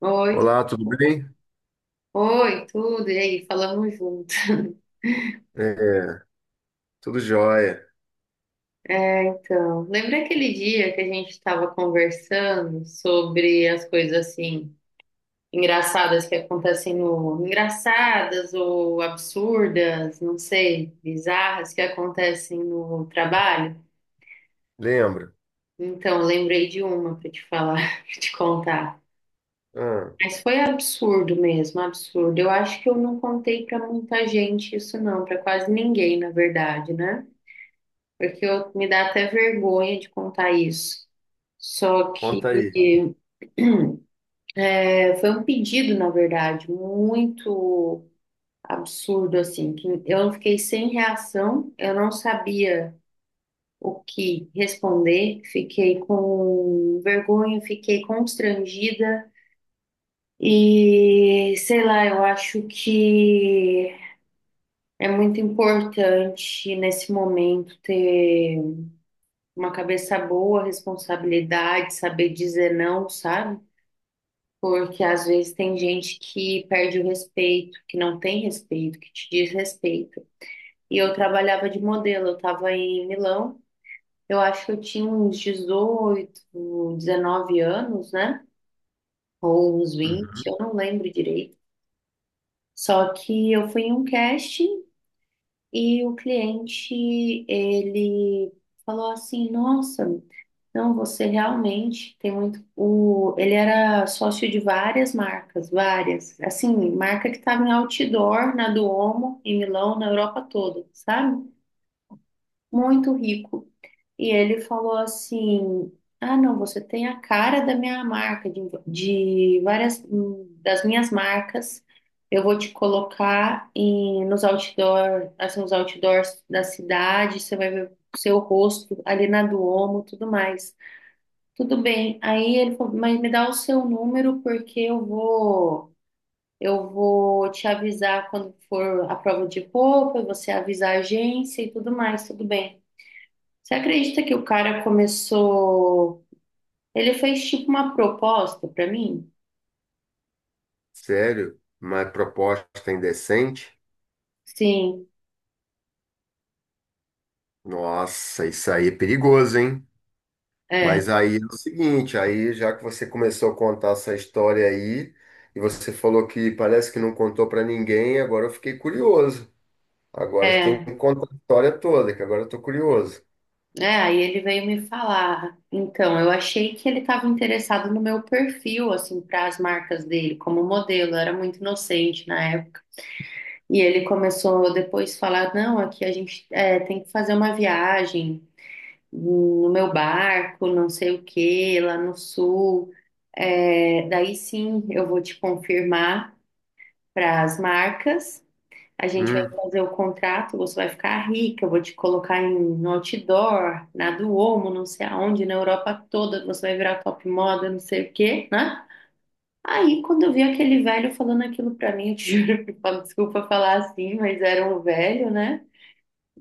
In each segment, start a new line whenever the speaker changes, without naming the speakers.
Oi, tu-
Olá, tudo bem?
oi, tudo, e aí, falamos junto.
É, tudo jóia.
É, então, lembra aquele dia que a gente estava conversando sobre as coisas assim engraçadas que acontecem engraçadas ou absurdas, não sei, bizarras que acontecem no trabalho?
Lembra?
Então, lembrei de uma para te contar.
Ah,
Mas foi absurdo mesmo, absurdo. Eu acho que eu não contei para muita gente isso não, para quase ninguém, na verdade, né? Porque eu, me dá até vergonha de contar isso. Só que
conta aí.
foi um pedido, na verdade, muito absurdo, assim, que eu fiquei sem reação, eu não sabia o que responder, fiquei com vergonha, fiquei constrangida e, sei lá, eu acho que é muito importante nesse momento ter uma cabeça boa, responsabilidade, saber dizer não, sabe? Porque às vezes tem gente que perde o respeito, que não tem respeito, que te desrespeita. E eu trabalhava de modelo, eu estava em Milão, eu acho que eu tinha uns 18 19 anos, né? Ou uns 20,
Uhum.
eu não lembro direito. Só que eu fui em um casting e o cliente, ele falou assim: Nossa, não, você realmente tem muito. Ele era sócio de várias marcas, várias. Assim, marca que estava em outdoor na Duomo, em Milão, na Europa toda, sabe? Muito rico. E ele falou assim: Ah, não, você tem a cara da minha marca, de várias das minhas marcas. Eu vou te colocar nos outdoor, assim, nos outdoors da cidade, você vai ver o seu rosto ali na Duomo, tudo mais. Tudo bem. Aí ele falou, mas me dá o seu número porque eu vou te avisar quando for a prova de roupa, você avisa a agência e tudo mais, tudo bem. Você acredita que o cara começou? Ele fez tipo uma proposta pra mim?
Sério? Uma proposta indecente?
Sim,
Nossa, isso aí é perigoso, hein?
é,
Mas aí é o seguinte, aí já que você começou a contar essa história aí, e você falou que parece que não contou pra ninguém, agora eu fiquei curioso. Agora você tem
é,
que contar a história toda, que agora eu tô curioso.
é. Aí ele veio me falar. Então, eu achei que ele estava interessado no meu perfil, assim, para as marcas dele como modelo. Eu era muito inocente na época. E ele começou depois a falar, não, aqui a gente tem que fazer uma viagem no meu barco, não sei o quê, lá no sul. É, daí sim eu vou te confirmar para as marcas, a gente vai
Hum,
fazer o contrato, você vai ficar rica, eu vou te colocar no outdoor, na Duomo, não sei aonde, na Europa toda, você vai virar top moda, não sei o quê, né? Aí, quando eu vi aquele velho falando aquilo pra mim, eu te juro, desculpa falar assim, mas era um velho, né?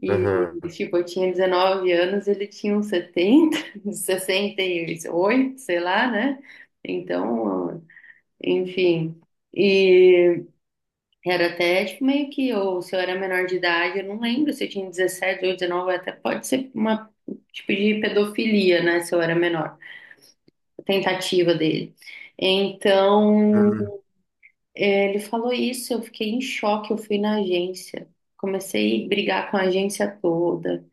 E,
aham,
tipo, eu tinha 19 anos, ele tinha uns 70, 68, sei lá, né? Então, enfim. E era até, tipo, meio que, ou se eu era menor de idade, eu não lembro se eu tinha 17, ou 19, até pode ser uma, tipo, de pedofilia, né? Se eu era menor, a tentativa dele. Então.
hum,
Ele falou isso, eu fiquei em choque, eu fui na agência. Comecei a brigar com a agência toda.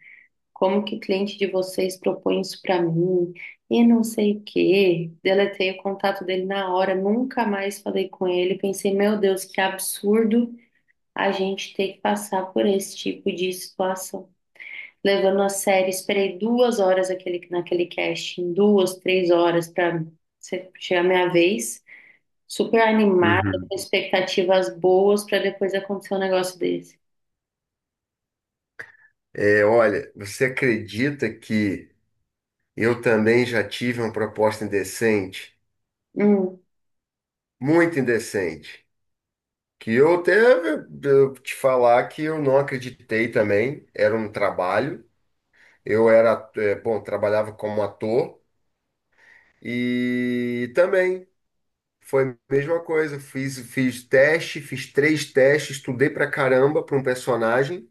Como que o cliente de vocês propõe isso para mim? E não sei o quê. Deletei o contato dele na hora, nunca mais falei com ele. Pensei, meu Deus, que absurdo a gente ter que passar por esse tipo de situação. Levando a sério, esperei 2 horas naquele casting, duas, três horas para chegar a minha vez. Super animada,
uhum.
com expectativas boas para depois acontecer um negócio desse.
É, olha, você acredita que eu também já tive uma proposta indecente,
Hum.
muito indecente, que eu até eu te falar que eu não acreditei também. Era um trabalho. Eu era, bom, trabalhava como ator e também foi a mesma coisa. Fiz teste, fiz três testes, estudei pra caramba para um personagem.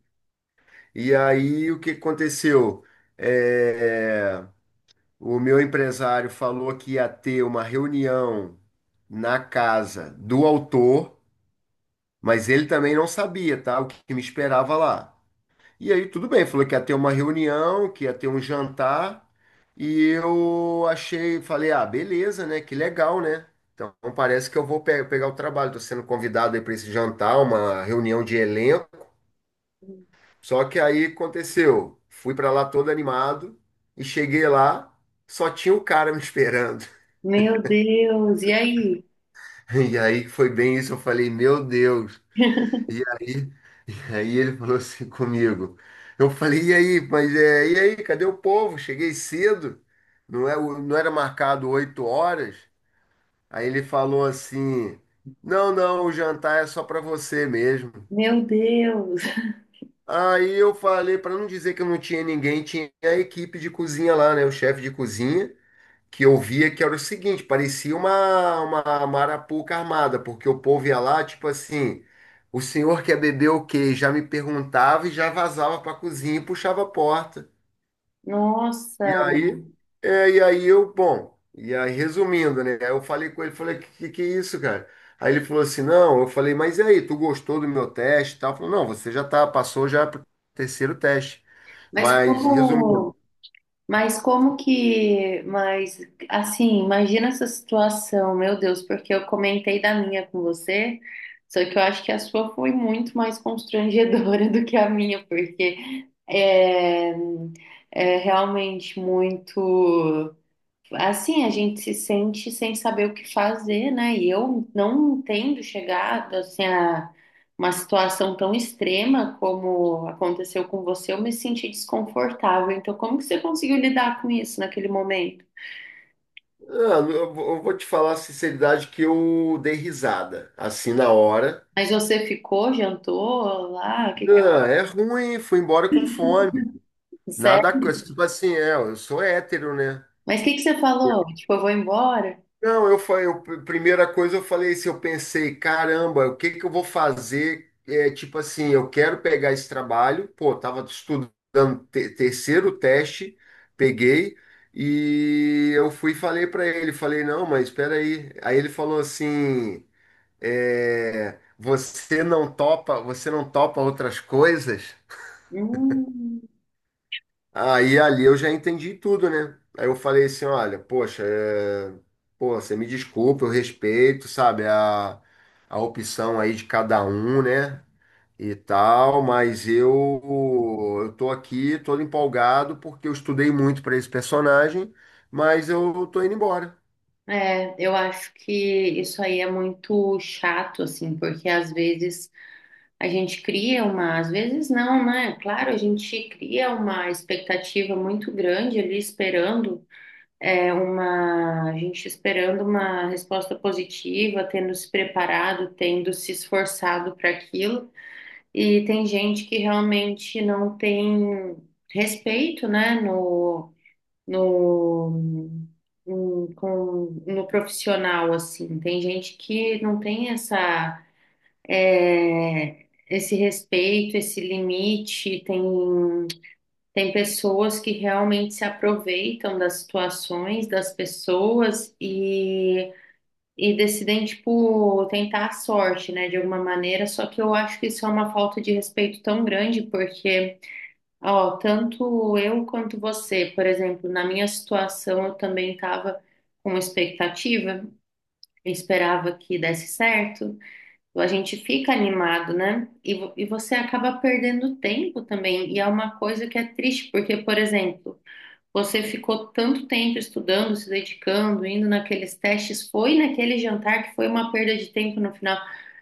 E aí o que aconteceu? É, o meu empresário falou que ia ter uma reunião na casa do autor, mas ele também não sabia, tá? O que que me esperava lá. E aí, tudo bem, falou que ia ter uma reunião, que ia ter um jantar, e eu achei, falei, ah, beleza, né? Que legal, né? Então parece que eu vou pegar o trabalho, tô sendo convidado aí para esse jantar, uma reunião de elenco. Só que aí aconteceu, fui para lá todo animado e cheguei lá, só tinha o cara me esperando.
Meu Deus, e aí?
E aí foi bem isso, eu falei, meu Deus. E aí, ele falou assim comigo. Eu falei, e aí, e aí, cadê o povo? Cheguei cedo, não é, não era marcado 8h. Aí ele falou assim, não, não, o jantar é só para você mesmo.
Meu Deus,
Aí eu falei, para não dizer que eu não tinha ninguém, tinha a equipe de cozinha lá, né? O chefe de cozinha que eu via que era o seguinte, parecia uma marapuca armada, porque o povo ia lá, tipo assim, o senhor quer beber o quê? Já me perguntava e já vazava para a cozinha e puxava a porta.
nossa.
E aí, e aí eu, bom, e aí resumindo, né? Eu falei com ele, falei, que é isso, cara? Aí ele falou assim, não, eu falei, mas e aí, tu gostou do meu teste e tal? Falou, não, você já tá, passou já pro terceiro teste.
Mas
Mas, resumindo,
como, mas assim, imagina essa situação, meu Deus, porque eu comentei da minha com você, só que eu acho que a sua foi muito mais constrangedora do que a minha, porque é realmente muito. Assim, a gente se sente sem saber o que fazer, né? E eu não entendo chegar assim, a uma situação tão extrema como aconteceu com você, eu me senti desconfortável. Então, como que você conseguiu lidar com isso naquele momento?
ah, eu vou te falar a sinceridade que eu dei risada, assim, na hora.
Mas você ficou, jantou lá, o que que
Não, é ruim, fui embora com fome.
aconteceu?
Nada, tipo assim, é, eu sou hétero, né?
Mas o que que você falou? Tipo, eu vou embora?
Não, eu falei, primeira coisa eu falei isso, eu pensei, caramba, o que que eu vou fazer? É, tipo assim, eu quero pegar esse trabalho, pô, tava estudando terceiro teste, peguei e eu fui e falei para ele, falei, não, mas espera aí. Aí ele falou assim, é, você não topa outras coisas,
Hum,
aí ali eu já entendi tudo, né? Aí eu falei assim, olha, poxa, pô, você me desculpa, eu respeito, sabe, a opção aí de cada um, né? E tal, mas eu tô aqui todo empolgado porque eu estudei muito para esse personagem, mas eu tô indo embora.
é, eu acho que isso aí é muito chato, assim, porque às vezes a gente cria uma, às vezes não, né? Claro, a gente cria uma expectativa muito grande ali esperando a gente esperando uma resposta positiva, tendo se preparado, tendo se esforçado para aquilo. E tem gente que realmente não tem respeito, né, no, no profissional, assim. Tem gente que não tem esse respeito, esse limite. Tem pessoas que realmente se aproveitam das situações, das pessoas e decidem, tipo, tentar a sorte, né, de alguma maneira. Só que eu acho que isso é uma falta de respeito tão grande, porque. Ó, tanto eu quanto você, por exemplo, na minha situação, eu também estava com expectativa, eu esperava que desse certo, a gente fica animado, né? E, e você acaba perdendo tempo também. E é uma coisa que é triste, porque, por exemplo, você ficou tanto tempo estudando, se dedicando, indo naqueles testes, foi naquele jantar que foi uma perda de tempo no final.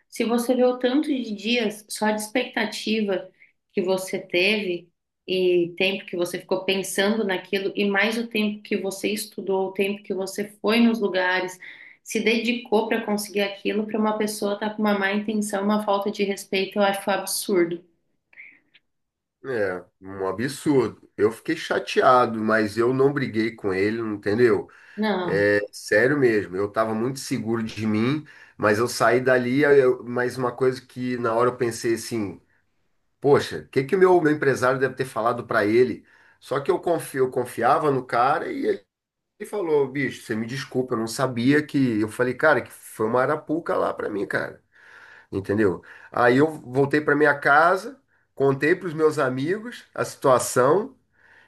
Se você vê o tanto de dias só de expectativa que você teve e tempo que você ficou pensando naquilo e mais o tempo que você estudou, o tempo que você foi nos lugares, se dedicou para conseguir aquilo, para uma pessoa estar com uma má intenção, uma falta de respeito, eu acho absurdo.
É, um absurdo. Eu fiquei chateado, mas eu não briguei com ele, entendeu?
Não,
É sério mesmo, eu estava muito seguro de mim, mas eu saí dali, mas uma coisa que na hora eu pensei assim, poxa, o que que o meu empresário deve ter falado para ele? Só que eu confio, eu confiava no cara e ele falou, bicho, você me desculpa, eu não sabia que... Eu falei, cara, que foi uma arapuca lá para mim, cara, entendeu? Aí eu voltei para minha casa, contei para os meus amigos a situação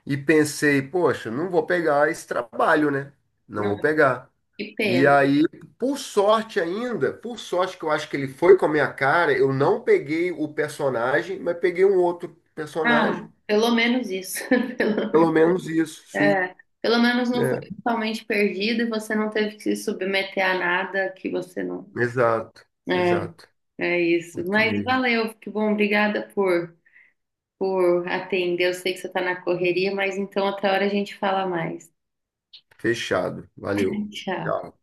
e pensei, poxa, não vou pegar esse trabalho, né? Não
não,
vou pegar.
que
E
pena.
aí, por sorte ainda, por sorte que eu acho que ele foi com a minha cara, eu não peguei o personagem, mas peguei um outro
Ah,
personagem.
pelo menos isso. Pelo
Pelo menos isso, sim.
É, pelo menos não foi
É,
totalmente perdido e você não teve que se submeter a nada que você não.
exato,
É,
exato.
é isso.
Isso
Mas
mesmo.
valeu, que bom, obrigada por atender. Eu sei que você está na correria, mas então outra hora a gente fala mais.
Fechado. Valeu.
Tchau.
Tchau.